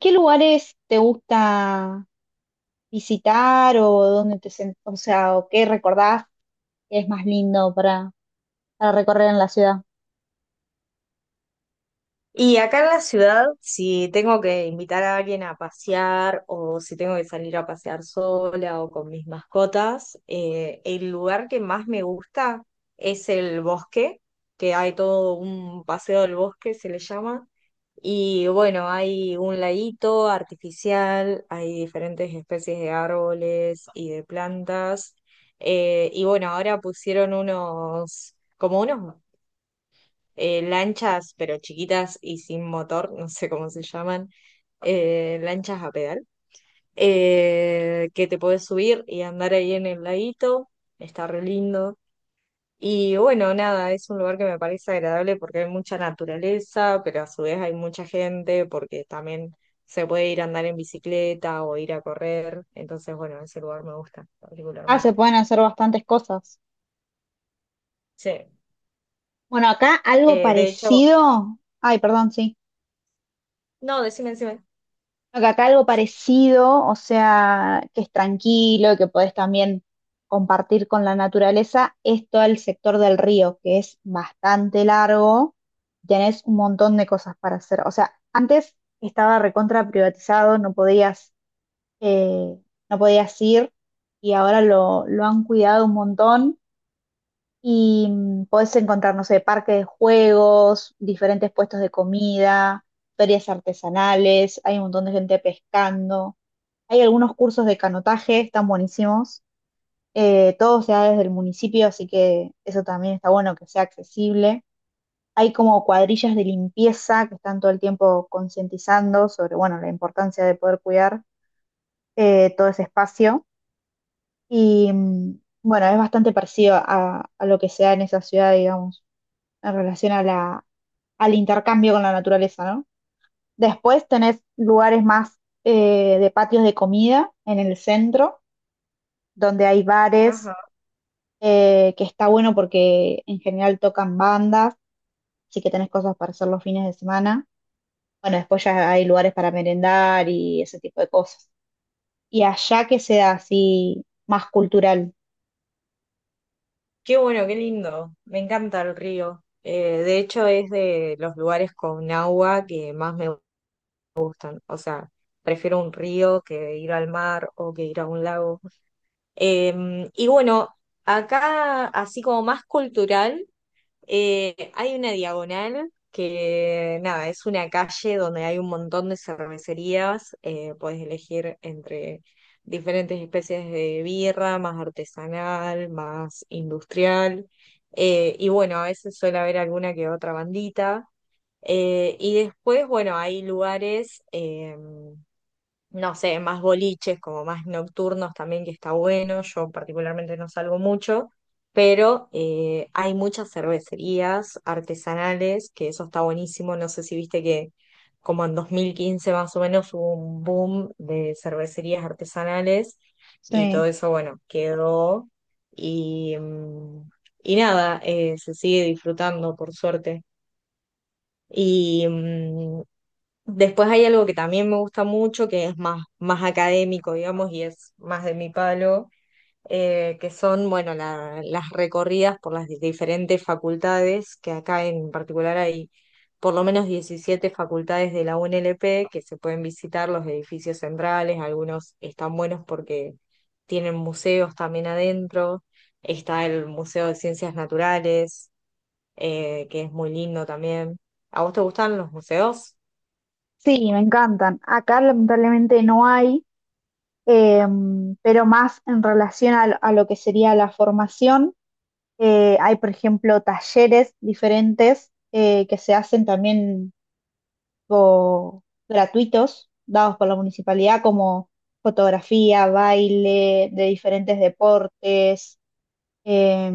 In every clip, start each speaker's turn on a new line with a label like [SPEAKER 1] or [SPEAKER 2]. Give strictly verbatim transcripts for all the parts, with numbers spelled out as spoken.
[SPEAKER 1] ¿Qué lugares te gusta visitar o dónde te sen- o sea, o qué recordás que es más lindo para, para recorrer en la ciudad?
[SPEAKER 2] Y acá en la ciudad, si tengo que invitar a alguien a pasear o si tengo que salir a pasear sola o con mis mascotas, eh, el lugar que más me gusta es el bosque, que hay todo un paseo del bosque, se le llama. Y bueno, hay un laguito artificial, hay diferentes especies de árboles y de plantas. Eh, y bueno, ahora pusieron unos, como unos eh, lanchas, pero chiquitas y sin motor, no sé cómo se llaman, eh, lanchas a pedal, eh, que te podés subir y andar ahí en el laguito, está re lindo. Y bueno, nada, es un lugar que me parece agradable porque hay mucha naturaleza, pero a su vez hay mucha gente porque también se puede ir a andar en bicicleta o ir a correr. Entonces, bueno, ese lugar me gusta
[SPEAKER 1] Ah, se
[SPEAKER 2] particularmente.
[SPEAKER 1] pueden hacer bastantes cosas.
[SPEAKER 2] Sí.
[SPEAKER 1] Bueno, acá algo
[SPEAKER 2] Eh, de hecho,
[SPEAKER 1] parecido. Ay, perdón, sí.
[SPEAKER 2] no, decime, decime.
[SPEAKER 1] Bueno, que acá algo parecido, o sea, que es tranquilo, que podés también compartir con la naturaleza, es todo el sector del río, que es bastante largo, tenés un montón de cosas para hacer. O sea, antes estaba recontra privatizado, no podías, eh, no podías ir, y ahora lo, lo han cuidado un montón, y mm, podés encontrar, no sé, parques de juegos, diferentes puestos de comida, ferias artesanales, hay un montón de gente pescando. Hay algunos cursos de canotaje, están buenísimos. Eh, todo se da desde el municipio, así que eso también está bueno que sea accesible. Hay como cuadrillas de limpieza que están todo el tiempo concientizando sobre, bueno, la importancia de poder cuidar eh, todo ese espacio. Y mm, bueno, es bastante parecido a, a lo que se da en esa ciudad, digamos, en relación a la, al intercambio con la naturaleza, ¿no? Después tenés lugares más eh, de patios de comida en el centro, donde hay bares
[SPEAKER 2] Ajá.
[SPEAKER 1] eh, que está bueno porque en general tocan bandas, así que tenés cosas para hacer los fines de semana. Bueno, después ya hay lugares para merendar y ese tipo de cosas. Y allá que sea así más cultural.
[SPEAKER 2] Qué bueno, qué lindo. Me encanta el río. Eh, de hecho, es de los lugares con agua que más me... O sea, prefiero un río que ir al mar o que ir a un lago. Eh, y bueno, acá, así como más cultural. Eh, hay una diagonal que, nada, es una calle donde hay un montón de cervecerías. Eh, puedes elegir entre diferentes especies de birra, más artesanal, más industrial. Eh, y bueno, a veces suele haber alguna que otra bandita. Eh, y después, bueno, hay lugares. Eh, no sé, más boliches, como más nocturnos también, que está bueno. Yo particularmente no salgo mucho, pero eh, hay muchas cervecerías artesanales, que eso está buenísimo. No sé si viste que como en dos mil quince más o menos hubo un boom de cervecerías artesanales y todo
[SPEAKER 1] Sí,
[SPEAKER 2] eso, bueno, quedó y, mm, y nada, eh, se sigue disfrutando por suerte. Y, mm, Después hay algo que también me gusta mucho, que es más, más académico, digamos, y es más de mi palo, eh, que son, bueno, la- las recorridas por las diferentes facultades, que acá en particular hay por lo menos diecisiete facultades de la U N L P que se pueden visitar, los edificios centrales, algunos están buenos porque tienen museos también adentro, está el Museo de Ciencias Naturales, eh, que es muy lindo también. ¿A vos te gustan los museos?
[SPEAKER 1] sí, me encantan. Acá lamentablemente no hay, eh, pero más en relación a lo a lo que sería la formación. Eh, hay, por ejemplo, talleres diferentes eh, que se hacen también o gratuitos dados por la municipalidad, como fotografía, baile, de diferentes deportes. eh,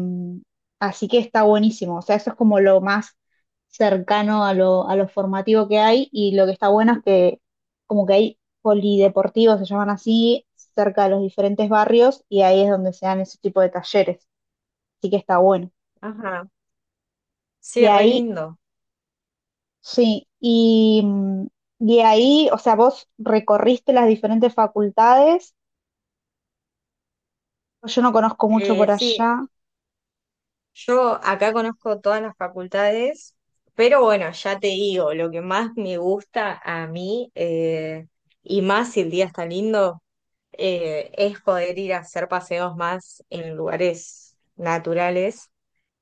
[SPEAKER 1] Así que está buenísimo. O sea, eso es como lo más cercano a lo, a lo formativo que hay. Y lo que está bueno es que como que hay polideportivos, se llaman así, cerca de los diferentes barrios, y ahí es donde se dan ese tipo de talleres. Así que está bueno. Y
[SPEAKER 2] Sí, re
[SPEAKER 1] ahí
[SPEAKER 2] lindo.
[SPEAKER 1] sí, y, mm, y ahí, o sea, vos recorriste las diferentes facultades. Pues yo no conozco mucho
[SPEAKER 2] Eh,
[SPEAKER 1] por
[SPEAKER 2] sí,
[SPEAKER 1] allá.
[SPEAKER 2] yo acá conozco todas las facultades, pero bueno, ya te digo, lo que más me gusta a mí, eh, y más si el día está lindo, eh, es poder ir a hacer paseos más en lugares naturales.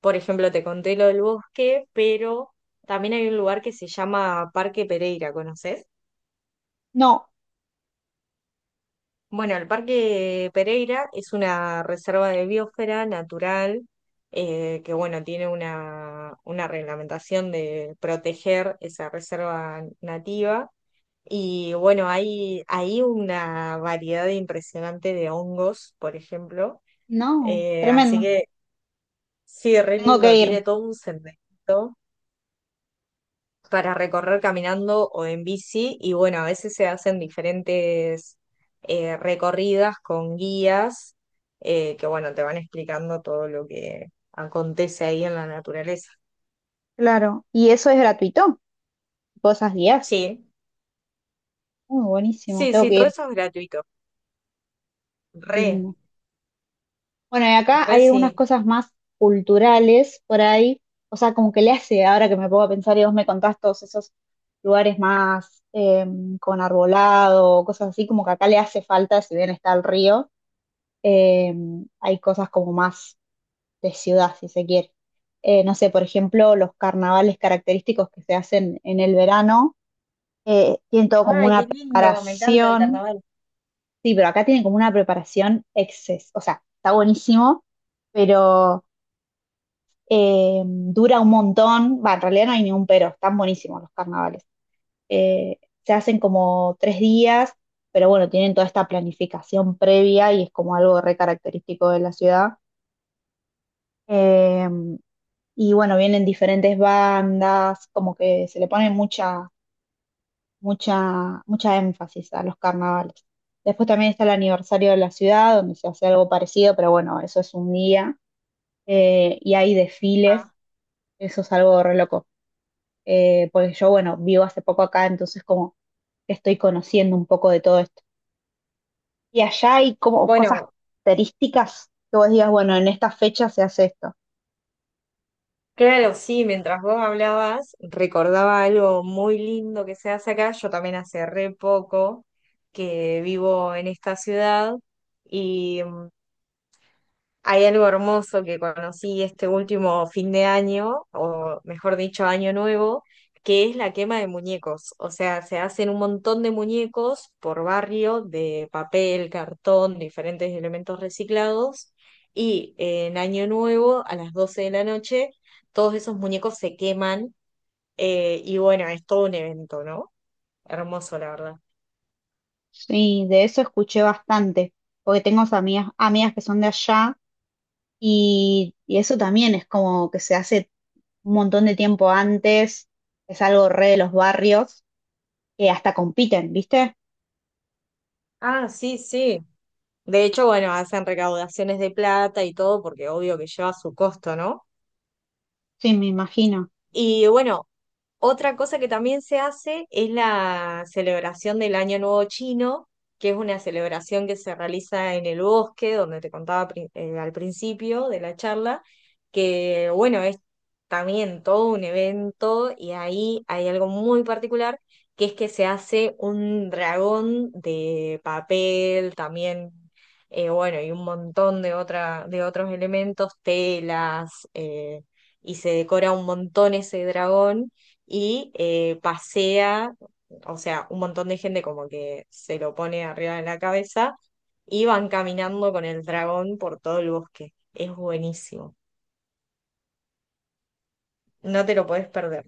[SPEAKER 2] Por ejemplo, te conté lo del bosque, pero también hay un lugar que se llama Parque Pereira, ¿conoces?
[SPEAKER 1] No,
[SPEAKER 2] Bueno, el Parque Pereira es una reserva de biosfera natural eh, que, bueno, tiene una, una reglamentación de proteger esa reserva nativa. Y bueno, hay, hay una variedad impresionante de hongos, por ejemplo.
[SPEAKER 1] no,
[SPEAKER 2] Eh, así
[SPEAKER 1] tremendo.
[SPEAKER 2] que sí, re
[SPEAKER 1] Tengo que
[SPEAKER 2] lindo,
[SPEAKER 1] ir,
[SPEAKER 2] tiene todo un sendero para recorrer caminando o en bici y bueno, a veces se hacen diferentes eh, recorridas con guías eh, que bueno, te van explicando todo lo que acontece ahí en la naturaleza.
[SPEAKER 1] claro. Y eso es gratuito, cosas días.
[SPEAKER 2] Sí,
[SPEAKER 1] Muy buenísimo,
[SPEAKER 2] sí,
[SPEAKER 1] tengo
[SPEAKER 2] sí,
[SPEAKER 1] que
[SPEAKER 2] todo
[SPEAKER 1] ir,
[SPEAKER 2] eso es gratuito.
[SPEAKER 1] qué
[SPEAKER 2] Re,
[SPEAKER 1] lindo. Bueno, y acá
[SPEAKER 2] re
[SPEAKER 1] hay algunas
[SPEAKER 2] sí.
[SPEAKER 1] cosas más culturales por ahí, o sea, como que le hace, ahora que me puedo pensar y vos me contás todos esos lugares más eh, con arbolado, cosas así, como que acá le hace falta, si bien está el río eh, hay cosas como más de ciudad, si se quiere. Eh, no sé, por ejemplo, los carnavales característicos que se hacen en el verano, eh, tienen todo como
[SPEAKER 2] Ay, qué
[SPEAKER 1] una
[SPEAKER 2] lindo, me encanta el
[SPEAKER 1] preparación,
[SPEAKER 2] carnaval.
[SPEAKER 1] sí, pero acá tienen como una preparación exces, o sea, está buenísimo, pero eh, dura un montón, va, en realidad no hay ningún pero, están buenísimos los carnavales. Eh, Se hacen como tres días, pero bueno, tienen toda esta planificación previa y es como algo re característico de la ciudad. Eh, Y bueno, vienen diferentes bandas, como que se le pone mucha, mucha, mucha énfasis a los carnavales. Después también está el aniversario de la ciudad, donde se hace algo parecido, pero bueno, eso es un día. Eh, y hay
[SPEAKER 2] Ah.
[SPEAKER 1] desfiles, eso es algo re loco. Eh, porque yo, bueno, vivo hace poco acá, entonces como que estoy conociendo un poco de todo esto. Y allá hay como cosas
[SPEAKER 2] Bueno.
[SPEAKER 1] características que vos digas, bueno, en esta fecha se hace esto.
[SPEAKER 2] Claro, sí, mientras vos hablabas, recordaba algo muy lindo que se hace acá. Yo también hace re poco que vivo en esta ciudad. Hay algo hermoso que conocí este último fin de año, o mejor dicho, año nuevo, que es la quema de muñecos. O sea, se hacen un montón de muñecos por barrio, de papel, cartón, diferentes elementos reciclados. Y eh, en año nuevo, a las doce de la noche, todos esos muñecos se queman. Eh, y bueno, es todo un evento, ¿no? Hermoso, la verdad.
[SPEAKER 1] Sí, de eso escuché bastante, porque tengo amigas, amigas que son de allá y, y eso también es como que se hace un montón de tiempo antes, es algo re de los barrios, que hasta compiten, ¿viste?
[SPEAKER 2] Ah, sí, sí. De hecho, bueno, hacen recaudaciones de plata y todo, porque obvio que lleva su costo, ¿no?
[SPEAKER 1] Sí, me imagino.
[SPEAKER 2] Y bueno, otra cosa que también se hace es la celebración del Año Nuevo Chino, que es una celebración que se realiza en el bosque, donde te contaba pri- eh, al principio de la charla, que bueno, es también todo un evento y ahí hay algo muy particular, que es que se hace un dragón de papel también. Eh, bueno, y un montón de otra, de otros elementos, telas, eh, y se decora un montón ese dragón y eh, pasea, o sea, un montón de gente como que se lo pone arriba de la cabeza y van caminando con el dragón por todo el bosque. Es buenísimo, no te lo podés perder.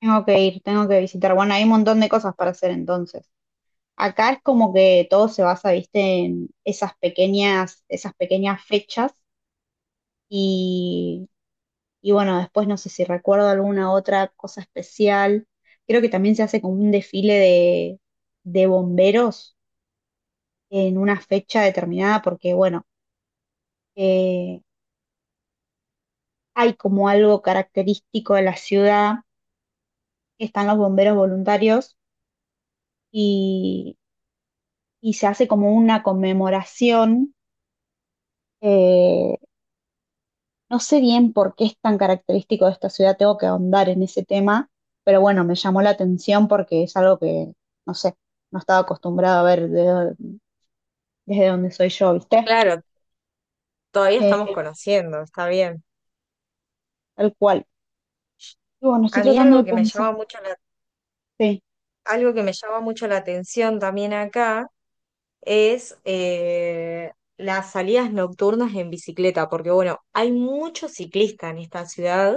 [SPEAKER 1] Tengo que ir, tengo que visitar. Bueno, hay un montón de cosas para hacer entonces. Acá es como que todo se basa, ¿viste? En esas pequeñas, esas pequeñas fechas. Y bueno, después no sé si recuerdo alguna otra cosa especial. Creo que también se hace como un desfile de, de bomberos en una fecha determinada, porque bueno, eh, hay como algo característico de la ciudad, están los bomberos voluntarios y, y se hace como una conmemoración. eh, No sé bien por qué es tan característico de esta ciudad, tengo que ahondar en ese tema, pero bueno, me llamó la atención porque es algo que, no sé, no estaba acostumbrado a ver de do- desde donde soy yo, ¿viste?
[SPEAKER 2] Claro, todavía estamos
[SPEAKER 1] Eh,
[SPEAKER 2] conociendo, está bien.
[SPEAKER 1] tal cual. Y bueno,
[SPEAKER 2] A
[SPEAKER 1] estoy
[SPEAKER 2] mí
[SPEAKER 1] tratando
[SPEAKER 2] algo
[SPEAKER 1] de
[SPEAKER 2] que me
[SPEAKER 1] pensar.
[SPEAKER 2] llama mucho la,
[SPEAKER 1] Sí.
[SPEAKER 2] algo que me llama mucho la atención también acá es eh, las salidas nocturnas en bicicleta, porque bueno, hay muchos ciclistas en esta ciudad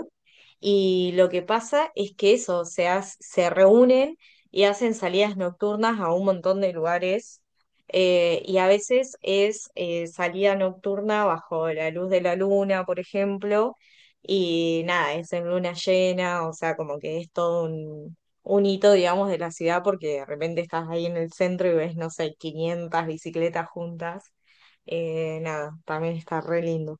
[SPEAKER 2] y lo que pasa es que eso, o sea, s- se reúnen y hacen salidas nocturnas a un montón de lugares eh, y a veces es eh, salida nocturna bajo la luz de la luna, por ejemplo, y nada, es en luna llena, o sea, como que es todo un hito, digamos, de la ciudad porque de repente estás ahí en el centro y ves, no sé, quinientas bicicletas juntas. Eh, nada, también está re lindo.